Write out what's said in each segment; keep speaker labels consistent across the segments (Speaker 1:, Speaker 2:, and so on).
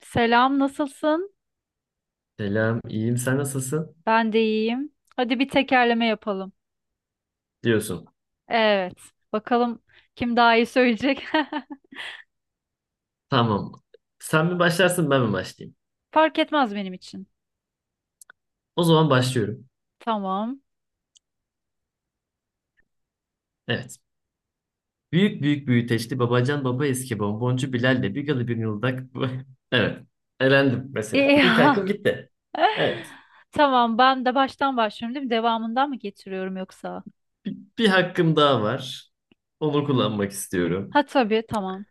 Speaker 1: Selam, nasılsın?
Speaker 2: Selam, iyiyim. Sen nasılsın?
Speaker 1: Ben de iyiyim. Hadi bir tekerleme yapalım.
Speaker 2: Diyorsun.
Speaker 1: Evet. Bakalım kim daha iyi söyleyecek.
Speaker 2: Tamam. Sen mi başlarsın, ben mi başlayayım?
Speaker 1: Fark etmez benim için.
Speaker 2: O zaman başlıyorum.
Speaker 1: Tamam.
Speaker 2: Evet. Büyük büyük büyüteçli babacan baba eski bonboncu Bilal'le bir galı bir yıldak. Evet. Elendim mesela.
Speaker 1: İyi.
Speaker 2: İlk hakkım gitti. Evet.
Speaker 1: Tamam, ben de baştan başlıyorum değil mi? Devamından mı getiriyorum yoksa?
Speaker 2: Bir hakkım daha var. Onu kullanmak istiyorum.
Speaker 1: Ha tabii, tamam.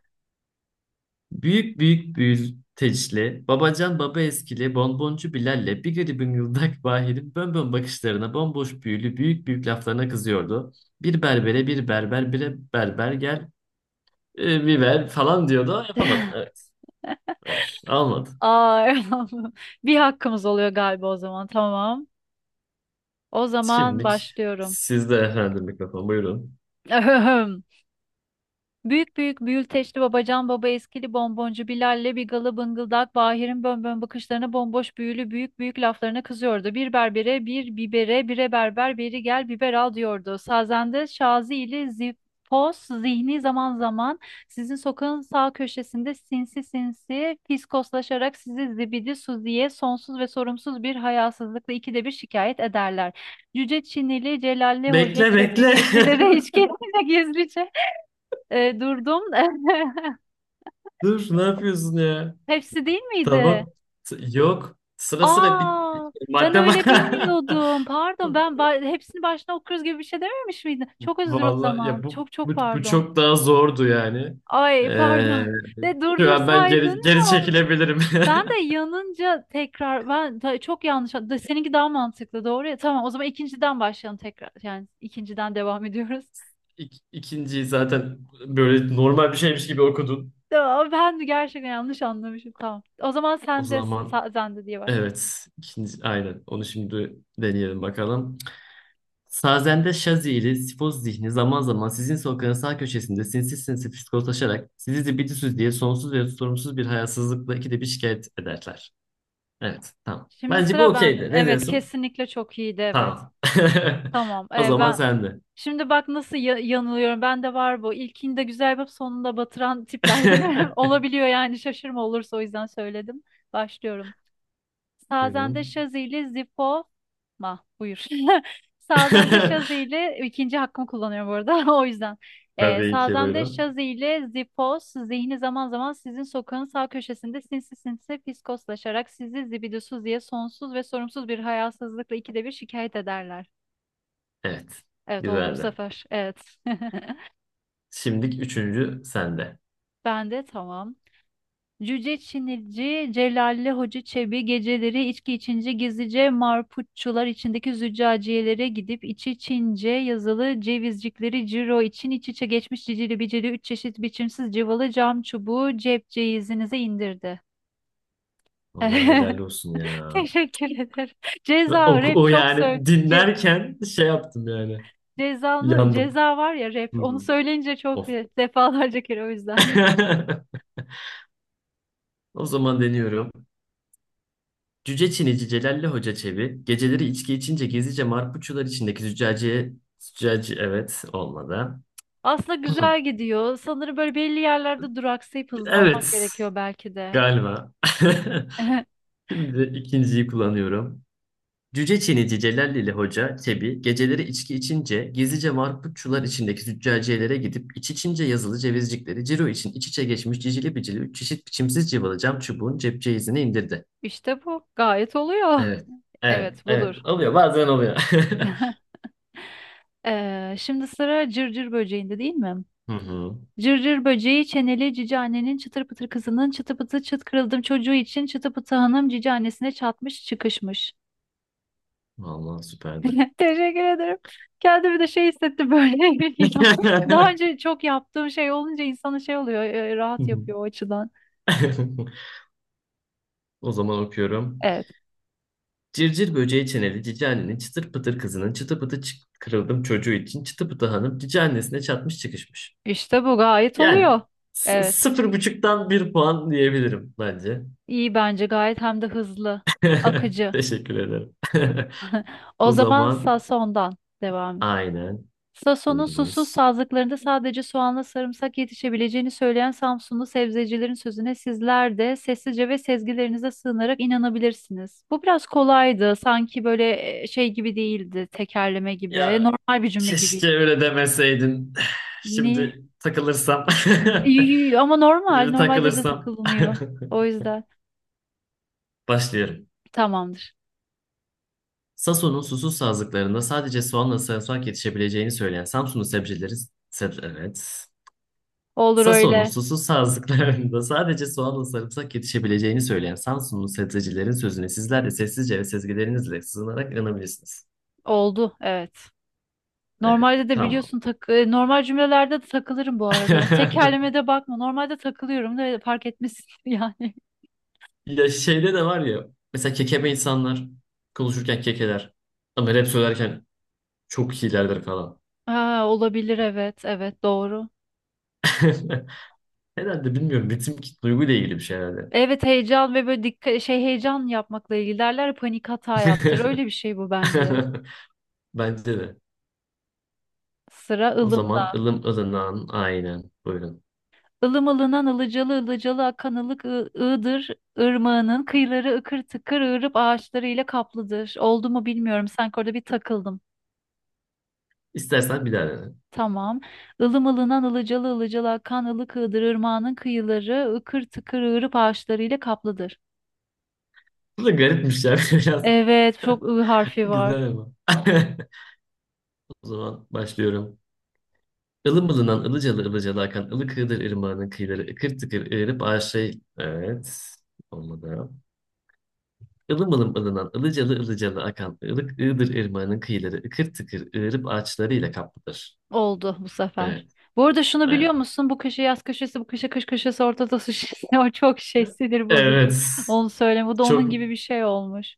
Speaker 2: Büyük büyük büyülteçli, babacan baba eskili, bonboncu Bilal'le bir garibim yıldak Bahir'in bönbön bakışlarına, bomboş büyülü büyük büyük laflarına kızıyordu. Bir berbere bir berber bire berber gel biber falan diyordu ama yapamadım. Evet, evet almadı.
Speaker 1: Aa, eyvallah. Bir hakkımız oluyor galiba o zaman. Tamam. O zaman
Speaker 2: Şimdilik
Speaker 1: başlıyorum.
Speaker 2: sizde efendim mikrofon buyurun.
Speaker 1: Büyük büyük büyülteçli babacan baba eskili bonboncu Bilal'le bir galı bıngıldak Bahir'in bönbön bakışlarına bomboş büyülü büyük büyük laflarına kızıyordu. Bir berbere bir bibere bire berber beri gel biber al diyordu. Sazende Şazi ile Zipos zihni zaman zaman sizin sokağın sağ köşesinde sinsi sinsi fiskoslaşarak sizi zibidi suziye sonsuz ve sorumsuz bir hayasızlıkla ikide bir şikayet ederler. Cüce Çinili Celalli Hoca
Speaker 2: Bekle
Speaker 1: Çebi
Speaker 2: bekle.
Speaker 1: gecilere içki gizlice durdum.
Speaker 2: Dur ne yapıyorsun ya?
Speaker 1: Hepsi değil miydi?
Speaker 2: Tamam. Yok. Sıra sıra bir
Speaker 1: Aa, ben
Speaker 2: madde.
Speaker 1: öyle bilmiyordum. Pardon, hepsini baştan okuyoruz gibi bir şey dememiş miydin? Çok özür o
Speaker 2: Vallahi
Speaker 1: zaman.
Speaker 2: ya bu,
Speaker 1: Çok çok
Speaker 2: bu bu
Speaker 1: pardon.
Speaker 2: çok daha zordu yani.
Speaker 1: Ay
Speaker 2: Ee,
Speaker 1: pardon. De
Speaker 2: Şu an ben
Speaker 1: durdursaydın
Speaker 2: geri geri
Speaker 1: ya.
Speaker 2: çekilebilirim.
Speaker 1: Ben de yanınca tekrar çok yanlış. Seninki daha mantıklı doğru ya. Tamam o zaman ikinciden başlayalım tekrar. Yani ikinciden devam ediyoruz.
Speaker 2: İkinciyi zaten böyle normal bir şeymiş gibi okudun.
Speaker 1: Tamam, ben de gerçekten yanlış anlamışım. Tamam. O zaman
Speaker 2: O
Speaker 1: sen de
Speaker 2: zaman
Speaker 1: sen de diye başla.
Speaker 2: evet ikinci aynen onu şimdi deneyelim bakalım. Sazende Şazili, Sifoz zihni zaman zaman sizin sokağın sağ köşesinde sinsi sinsi psikoslaşarak sizi zibidüsüz diye sonsuz ve sorumsuz bir hayasızlıkla ikide bir şikayet ederler. Evet, tamam.
Speaker 1: Şimdi
Speaker 2: Bence bu
Speaker 1: sıra ben.
Speaker 2: okeydi. Ne
Speaker 1: Evet,
Speaker 2: diyorsun?
Speaker 1: kesinlikle çok iyiydi evet.
Speaker 2: Tamam.
Speaker 1: Tamam.
Speaker 2: O zaman
Speaker 1: Ben
Speaker 2: sen de.
Speaker 1: şimdi bak nasıl yanılıyorum. Ben de var bu. İlkinde güzel yapıp sonunda batıran tiplerden olabiliyor yani şaşırma olursa o yüzden söyledim. Başlıyorum. Sazende
Speaker 2: Buyurun.
Speaker 1: Şazi ile Zippo ma buyur. Sazende Şazi ikinci hakkımı kullanıyorum bu arada o yüzden.
Speaker 2: Tabii ki
Speaker 1: Sazende
Speaker 2: buyurun.
Speaker 1: Şazi Zipos zihni zaman zaman sizin sokağın sağ köşesinde sinsi sinsi fiskoslaşarak sizi zibidusuz diye sonsuz ve sorumsuz bir hayasızlıkla ikide bir şikayet ederler.
Speaker 2: Evet.
Speaker 1: Evet oldu bu
Speaker 2: Güzeldi.
Speaker 1: sefer. Evet.
Speaker 2: Şimdi üçüncü sende.
Speaker 1: Ben de tamam. Cüce Çinici, Celalli Hoca Çebi geceleri içki içince gizlice marputçular içindeki züccaciyelere gidip içi Çince yazılı cevizcikleri ciro için iç içe geçmiş cicili bicili üç çeşit biçimsiz cıvalı cam çubuğu cep ceyizinize indirdi.
Speaker 2: Vallahi helal olsun ya.
Speaker 1: Teşekkür ederim.
Speaker 2: Ve
Speaker 1: Ceza
Speaker 2: O,
Speaker 1: rap
Speaker 2: o
Speaker 1: çok söyle.
Speaker 2: yani
Speaker 1: Ce
Speaker 2: dinlerken şey yaptım yani.
Speaker 1: cezalı
Speaker 2: Yandım.
Speaker 1: ceza var ya rap.
Speaker 2: Hı
Speaker 1: Onu
Speaker 2: hı.
Speaker 1: söyleyince çok
Speaker 2: Of.
Speaker 1: defalarca kere o yüzden.
Speaker 2: O zaman deniyorum. Cüce Çinici Celalli Hoca Çebi geceleri içki içince gizlice marpuçular içindeki züccaciye züccaci evet olmadı.
Speaker 1: Aslında güzel gidiyor. Sanırım böyle belli yerlerde duraksayıp hızlanmak
Speaker 2: Evet
Speaker 1: gerekiyor belki de.
Speaker 2: galiba. Şimdi ikinciyi kullanıyorum. Cüce Çinici Celallili Hoca Çebi geceleri içki içince gizlice marputçular içindeki züccaciyelere gidip iç içince yazılı cevizcikleri ciro için iç içe geçmiş cicili bicili üç çeşit biçimsiz cıvalı cam çubuğun cepçe izini indirdi.
Speaker 1: İşte bu. Gayet oluyor.
Speaker 2: Evet. Evet.
Speaker 1: Evet, budur.
Speaker 2: Evet. Oluyor. Bazen oluyor.
Speaker 1: Şimdi sıra cırcır böceğinde değil mi?
Speaker 2: Hı hı.
Speaker 1: Cırcır böceği çeneli cici annenin çıtır pıtır kızının çıtı pıtı çıt kırıldım çocuğu için çıtı pıtı hanım cici annesine çatmış çıkışmış.
Speaker 2: Vallahi süperdi.
Speaker 1: Teşekkür ederim. Kendimi de şey hissettim böyle geliyor. Daha önce çok yaptığım şey olunca insanın şey oluyor rahat yapıyor o açıdan.
Speaker 2: O zaman okuyorum.
Speaker 1: Evet.
Speaker 2: Cırcır böceği çeneli cici annenin çıtır pıtır kızının çıtı pıtı kırıldım çocuğu için çıtı pıtı hanım cici annesine çatmış çıkışmış.
Speaker 1: İşte bu gayet
Speaker 2: Yani
Speaker 1: oluyor. Evet.
Speaker 2: sıfır buçuktan bir puan diyebilirim bence.
Speaker 1: İyi bence gayet hem de hızlı, akıcı.
Speaker 2: Teşekkür ederim.
Speaker 1: O
Speaker 2: O
Speaker 1: zaman
Speaker 2: zaman
Speaker 1: Sason'dan devam.
Speaker 2: aynen
Speaker 1: Sason'un susuz
Speaker 2: buyurunuz.
Speaker 1: sazlıklarında sadece soğanla sarımsak yetişebileceğini söyleyen Samsunlu sebzecilerin sözüne sizler de sessizce ve sezgilerinize sığınarak inanabilirsiniz. Bu biraz kolaydı. Sanki böyle şey gibi değildi, tekerleme gibi.
Speaker 2: Ya
Speaker 1: Normal bir cümle
Speaker 2: keşke
Speaker 1: gibiydi.
Speaker 2: öyle demeseydin.
Speaker 1: Ne?
Speaker 2: Şimdi takılırsam.
Speaker 1: Ama normal,
Speaker 2: Şimdi
Speaker 1: normalde de
Speaker 2: takılırsam.
Speaker 1: takılınıyor. O yüzden
Speaker 2: Başlıyorum.
Speaker 1: tamamdır.
Speaker 2: Sason'un susuz sazlıklarında sadece soğanla sarımsak yetişebileceğini söyleyen Samsunlu sebzecileri. Seb evet.
Speaker 1: Olur
Speaker 2: Sason'un
Speaker 1: öyle.
Speaker 2: susuz sazlıklarında sadece soğanla sarımsak yetişebileceğini söyleyen Samsunlu sebzecilerin sözüne sizler de sessizce ve sezgilerinizle sığınarak inanabilirsiniz.
Speaker 1: Oldu, evet.
Speaker 2: Evet,
Speaker 1: Normalde de
Speaker 2: tamam.
Speaker 1: biliyorsun normal cümlelerde de takılırım bu arada. Ben Tekerlemede bakma. Normalde takılıyorum da fark etmesin yani.
Speaker 2: Ya şeyde de var ya, mesela kekeme insanlar konuşurken kekeler ama rap söylerken çok iyilerdir falan.
Speaker 1: Aa, olabilir evet, evet doğru.
Speaker 2: Herhalde bilmiyorum, ritim duyguyla ilgili bir şey herhalde.
Speaker 1: Evet heyecan ve böyle dikkat şey heyecan yapmakla ilgili derler ya, panik hata yaptır. Öyle bir şey bu bence.
Speaker 2: Bence de.
Speaker 1: Sıra
Speaker 2: O
Speaker 1: ılımda.
Speaker 2: zaman ılım ılınan aynen. Buyurun.
Speaker 1: Ilım ılınan ılıcalı ılıcalı akan ılık ığdır. Irmağının kıyıları ıkır tıkır ığırıp ağaçlarıyla kaplıdır. Oldu mu bilmiyorum. Sanki orada bir takıldım.
Speaker 2: İstersen bir daha dene.
Speaker 1: Tamam. Ilım ılınan ılıcalı ılıcalı akan ılık ığdır ırmağının kıyıları ıkır tıkır ığırıp ağaçlarıyla kaplıdır.
Speaker 2: Bu da garipmiş ya biraz.
Speaker 1: Evet, çok ı harfi var.
Speaker 2: Güzel ama. O zaman başlıyorum. Ilım ılınan ılıcalı ılıcalı akan ılık ığdır ırmağının kıyıları ıkır tıkır ığırıp aşağı... Evet. Olmadı. Ilım ılınan ılıcalı ılıcalı akan ılık ığdır ırmağının kıyıları ıkır tıkır ığırıp ağaçlarıyla kaplıdır.
Speaker 1: Oldu bu sefer.
Speaker 2: Evet.
Speaker 1: Bu arada şunu biliyor
Speaker 2: Evet.
Speaker 1: musun? Bu köşe yaz köşesi, bu köşe kış köşesi, ortada su şişesi. O çok şey sinir bozucu.
Speaker 2: Evet.
Speaker 1: Onu söyleme. Bu da onun
Speaker 2: Çok
Speaker 1: gibi bir şey olmuş.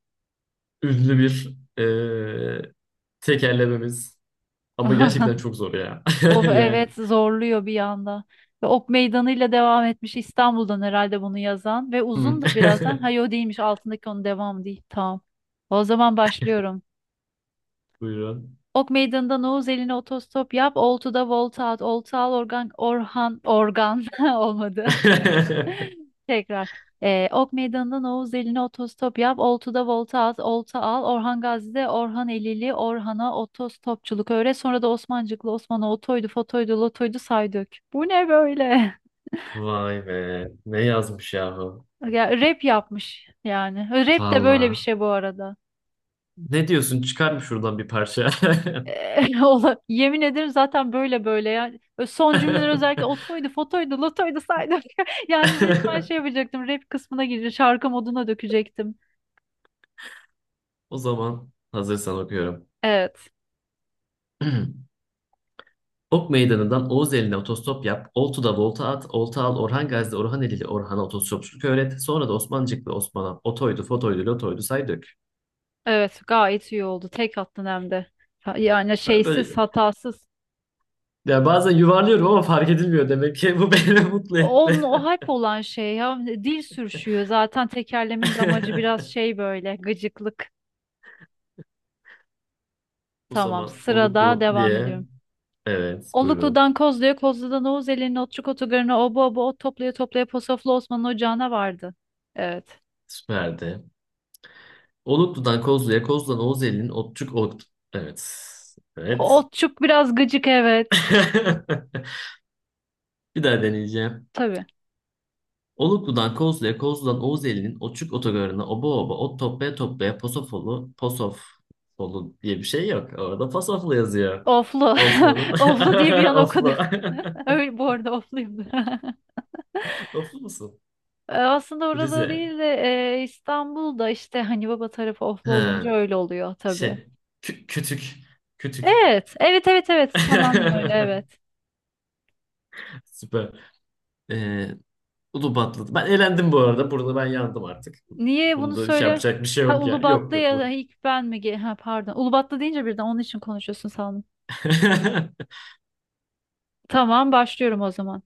Speaker 2: ünlü bir tekerlememiz. Ama gerçekten çok zor ya.
Speaker 1: Of
Speaker 2: Yani.
Speaker 1: evet zorluyor bir yanda. Ve Ok meydanıyla devam etmiş İstanbul'dan herhalde bunu yazan. Ve
Speaker 2: Hmm.
Speaker 1: uzun da birazdan. Hayır o değilmiş altındaki onun devamı değil. Tamam. O zaman başlıyorum.
Speaker 2: Buyurun.
Speaker 1: Ok meydanında Oğuz eline otostop yap. Oltu'da volta at. Oltu al organ, Orhan, organ olmadı. Tekrar. Ok Meydanı'ndan Oğuz Eli'ne otostop yap. Oltu'da volta at. Olta al. Orhan Gazi'de Orhan Elili. Orhan'a otostopçuluk öğret. Sonra da Osmancıklı Osman'a otoydu, fotoydu, lotoydu saydık. Bu ne böyle?
Speaker 2: Vay be. Ne yazmış yahu?
Speaker 1: Ya, rap yapmış yani. Rap de böyle bir
Speaker 2: Valla.
Speaker 1: şey bu arada.
Speaker 2: Ne diyorsun? Çıkar mı şuradan bir parça?
Speaker 1: Yemin ederim zaten böyle böyle yani. Son cümleler özellikle otoydu, fotoydu, lotoydu saydık. Yani resmen şey yapacaktım. Rap kısmına girecek. Şarkı moduna dökecektim.
Speaker 2: O zaman hazırsan okuyorum.
Speaker 1: Evet.
Speaker 2: Ok Meydanı'ndan Oğuz eline otostop yap, Oltu'da volta at, Olta al, Orhan Gazi'de Orhan Eli'li Orhan'a otostopçuluk öğret, sonra da Osmancıklı Osman'a otoydu, fotoydu, lotoydu say dök.
Speaker 1: Evet, gayet iyi oldu. Tek attın hem de. Yani
Speaker 2: Ben
Speaker 1: şeysiz,
Speaker 2: böyle
Speaker 1: hatasız.
Speaker 2: yani bazen yuvarlıyorum ama fark edilmiyor demek ki bu beni mutlu
Speaker 1: Onun
Speaker 2: etti.
Speaker 1: o hype olan şey ya dil sürüşüyor. Zaten tekerlemin de amacı biraz şey böyle gıcıklık.
Speaker 2: O
Speaker 1: Tamam,
Speaker 2: zaman
Speaker 1: sırada
Speaker 2: Oluklu
Speaker 1: devam
Speaker 2: diye.
Speaker 1: ediyorum.
Speaker 2: Evet, buyurun.
Speaker 1: Oluklu'dan Kozlu'ya, Kozlu'dan Oğuz Eli'nin Otçuk Otogarı'na, oba oba ot toplaya toplaya Posoflu Osman'ın ocağına vardı. Evet.
Speaker 2: Süperdi. Oluklu'dan Kozlu'ya, Kozlu'dan Oğuzeli'nin Otçuk Ot. Evet.
Speaker 1: O
Speaker 2: Evet.
Speaker 1: Otçuk biraz gıcık evet.
Speaker 2: Bir daha deneyeceğim.
Speaker 1: Tabii.
Speaker 2: Oluklu'dan Kozlu'ya, Kozlu'dan Oğuzeli'nin Otçuk Otogarı'na oba oba, ot toplaya toplaya Posofolu diye bir şey yok. Orada Posoflu yazıyor.
Speaker 1: Oflu.
Speaker 2: Osman'ın
Speaker 1: Oflu diye bir an okudum.
Speaker 2: Oflu.
Speaker 1: Öyle bu arada ofluyum.
Speaker 2: Oflu musun?
Speaker 1: Aslında orada
Speaker 2: Rize.
Speaker 1: değil de İstanbul'da işte hani baba tarafı oflu
Speaker 2: Ha,
Speaker 1: olunca öyle oluyor tabii.
Speaker 2: şey. Kütük. Kütük.
Speaker 1: Evet, evet, evet, evet. Tamamen öyle, evet.
Speaker 2: Süper. Ee, Ulubatlı. Ben elendim bu arada. Burada ben yandım artık.
Speaker 1: Niye bunu
Speaker 2: Bunda şey
Speaker 1: söyle?
Speaker 2: yapacak bir şey
Speaker 1: Ha
Speaker 2: yok ya. Yok
Speaker 1: Ulubatlı
Speaker 2: yok
Speaker 1: ya
Speaker 2: bu.
Speaker 1: da ilk ben mi? Ha pardon. Ulubatlı deyince birden onun için konuşuyorsun sandım. Tamam, başlıyorum o zaman.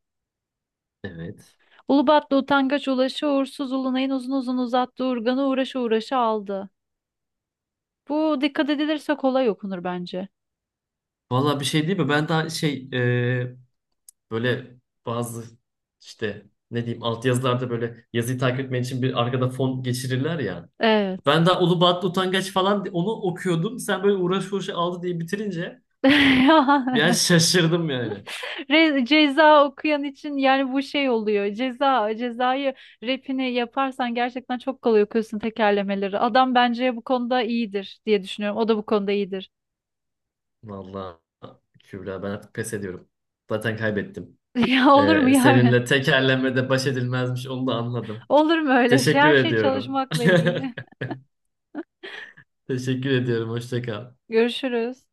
Speaker 2: Evet.
Speaker 1: Ulubatlı utangaç ulaşı uğursuz ulunayın uzun uzun uzattı urganı uğraşı uğraşı aldı. Bu dikkat edilirse kolay okunur bence.
Speaker 2: Valla bir şey değil mi? Ben daha şey e, böyle bazı işte ne diyeyim altyazılarda böyle yazıyı takip etmen için bir arkada fon geçirirler ya.
Speaker 1: Evet.
Speaker 2: Ben daha Ulubatlı Utangaç falan onu okuyordum. Sen böyle uğraş uğraş aldı diye bitirince biraz şaşırdım yani.
Speaker 1: Ceza okuyan için yani bu şey oluyor. Ceza, cezayı rapini yaparsan gerçekten çok kolay okuyorsun tekerlemeleri. Adam bence bu konuda iyidir diye düşünüyorum. O da bu konuda iyidir.
Speaker 2: Valla Kübra ben artık pes ediyorum. Zaten kaybettim.
Speaker 1: Ya olur mu ya?
Speaker 2: Seninle tekerlemede baş edilmezmiş onu da anladım.
Speaker 1: Olur mu öyle şey?
Speaker 2: Teşekkür
Speaker 1: Her şey
Speaker 2: ediyorum.
Speaker 1: çalışmakla ilgili.
Speaker 2: Teşekkür ediyorum. Hoşça kal.
Speaker 1: Görüşürüz.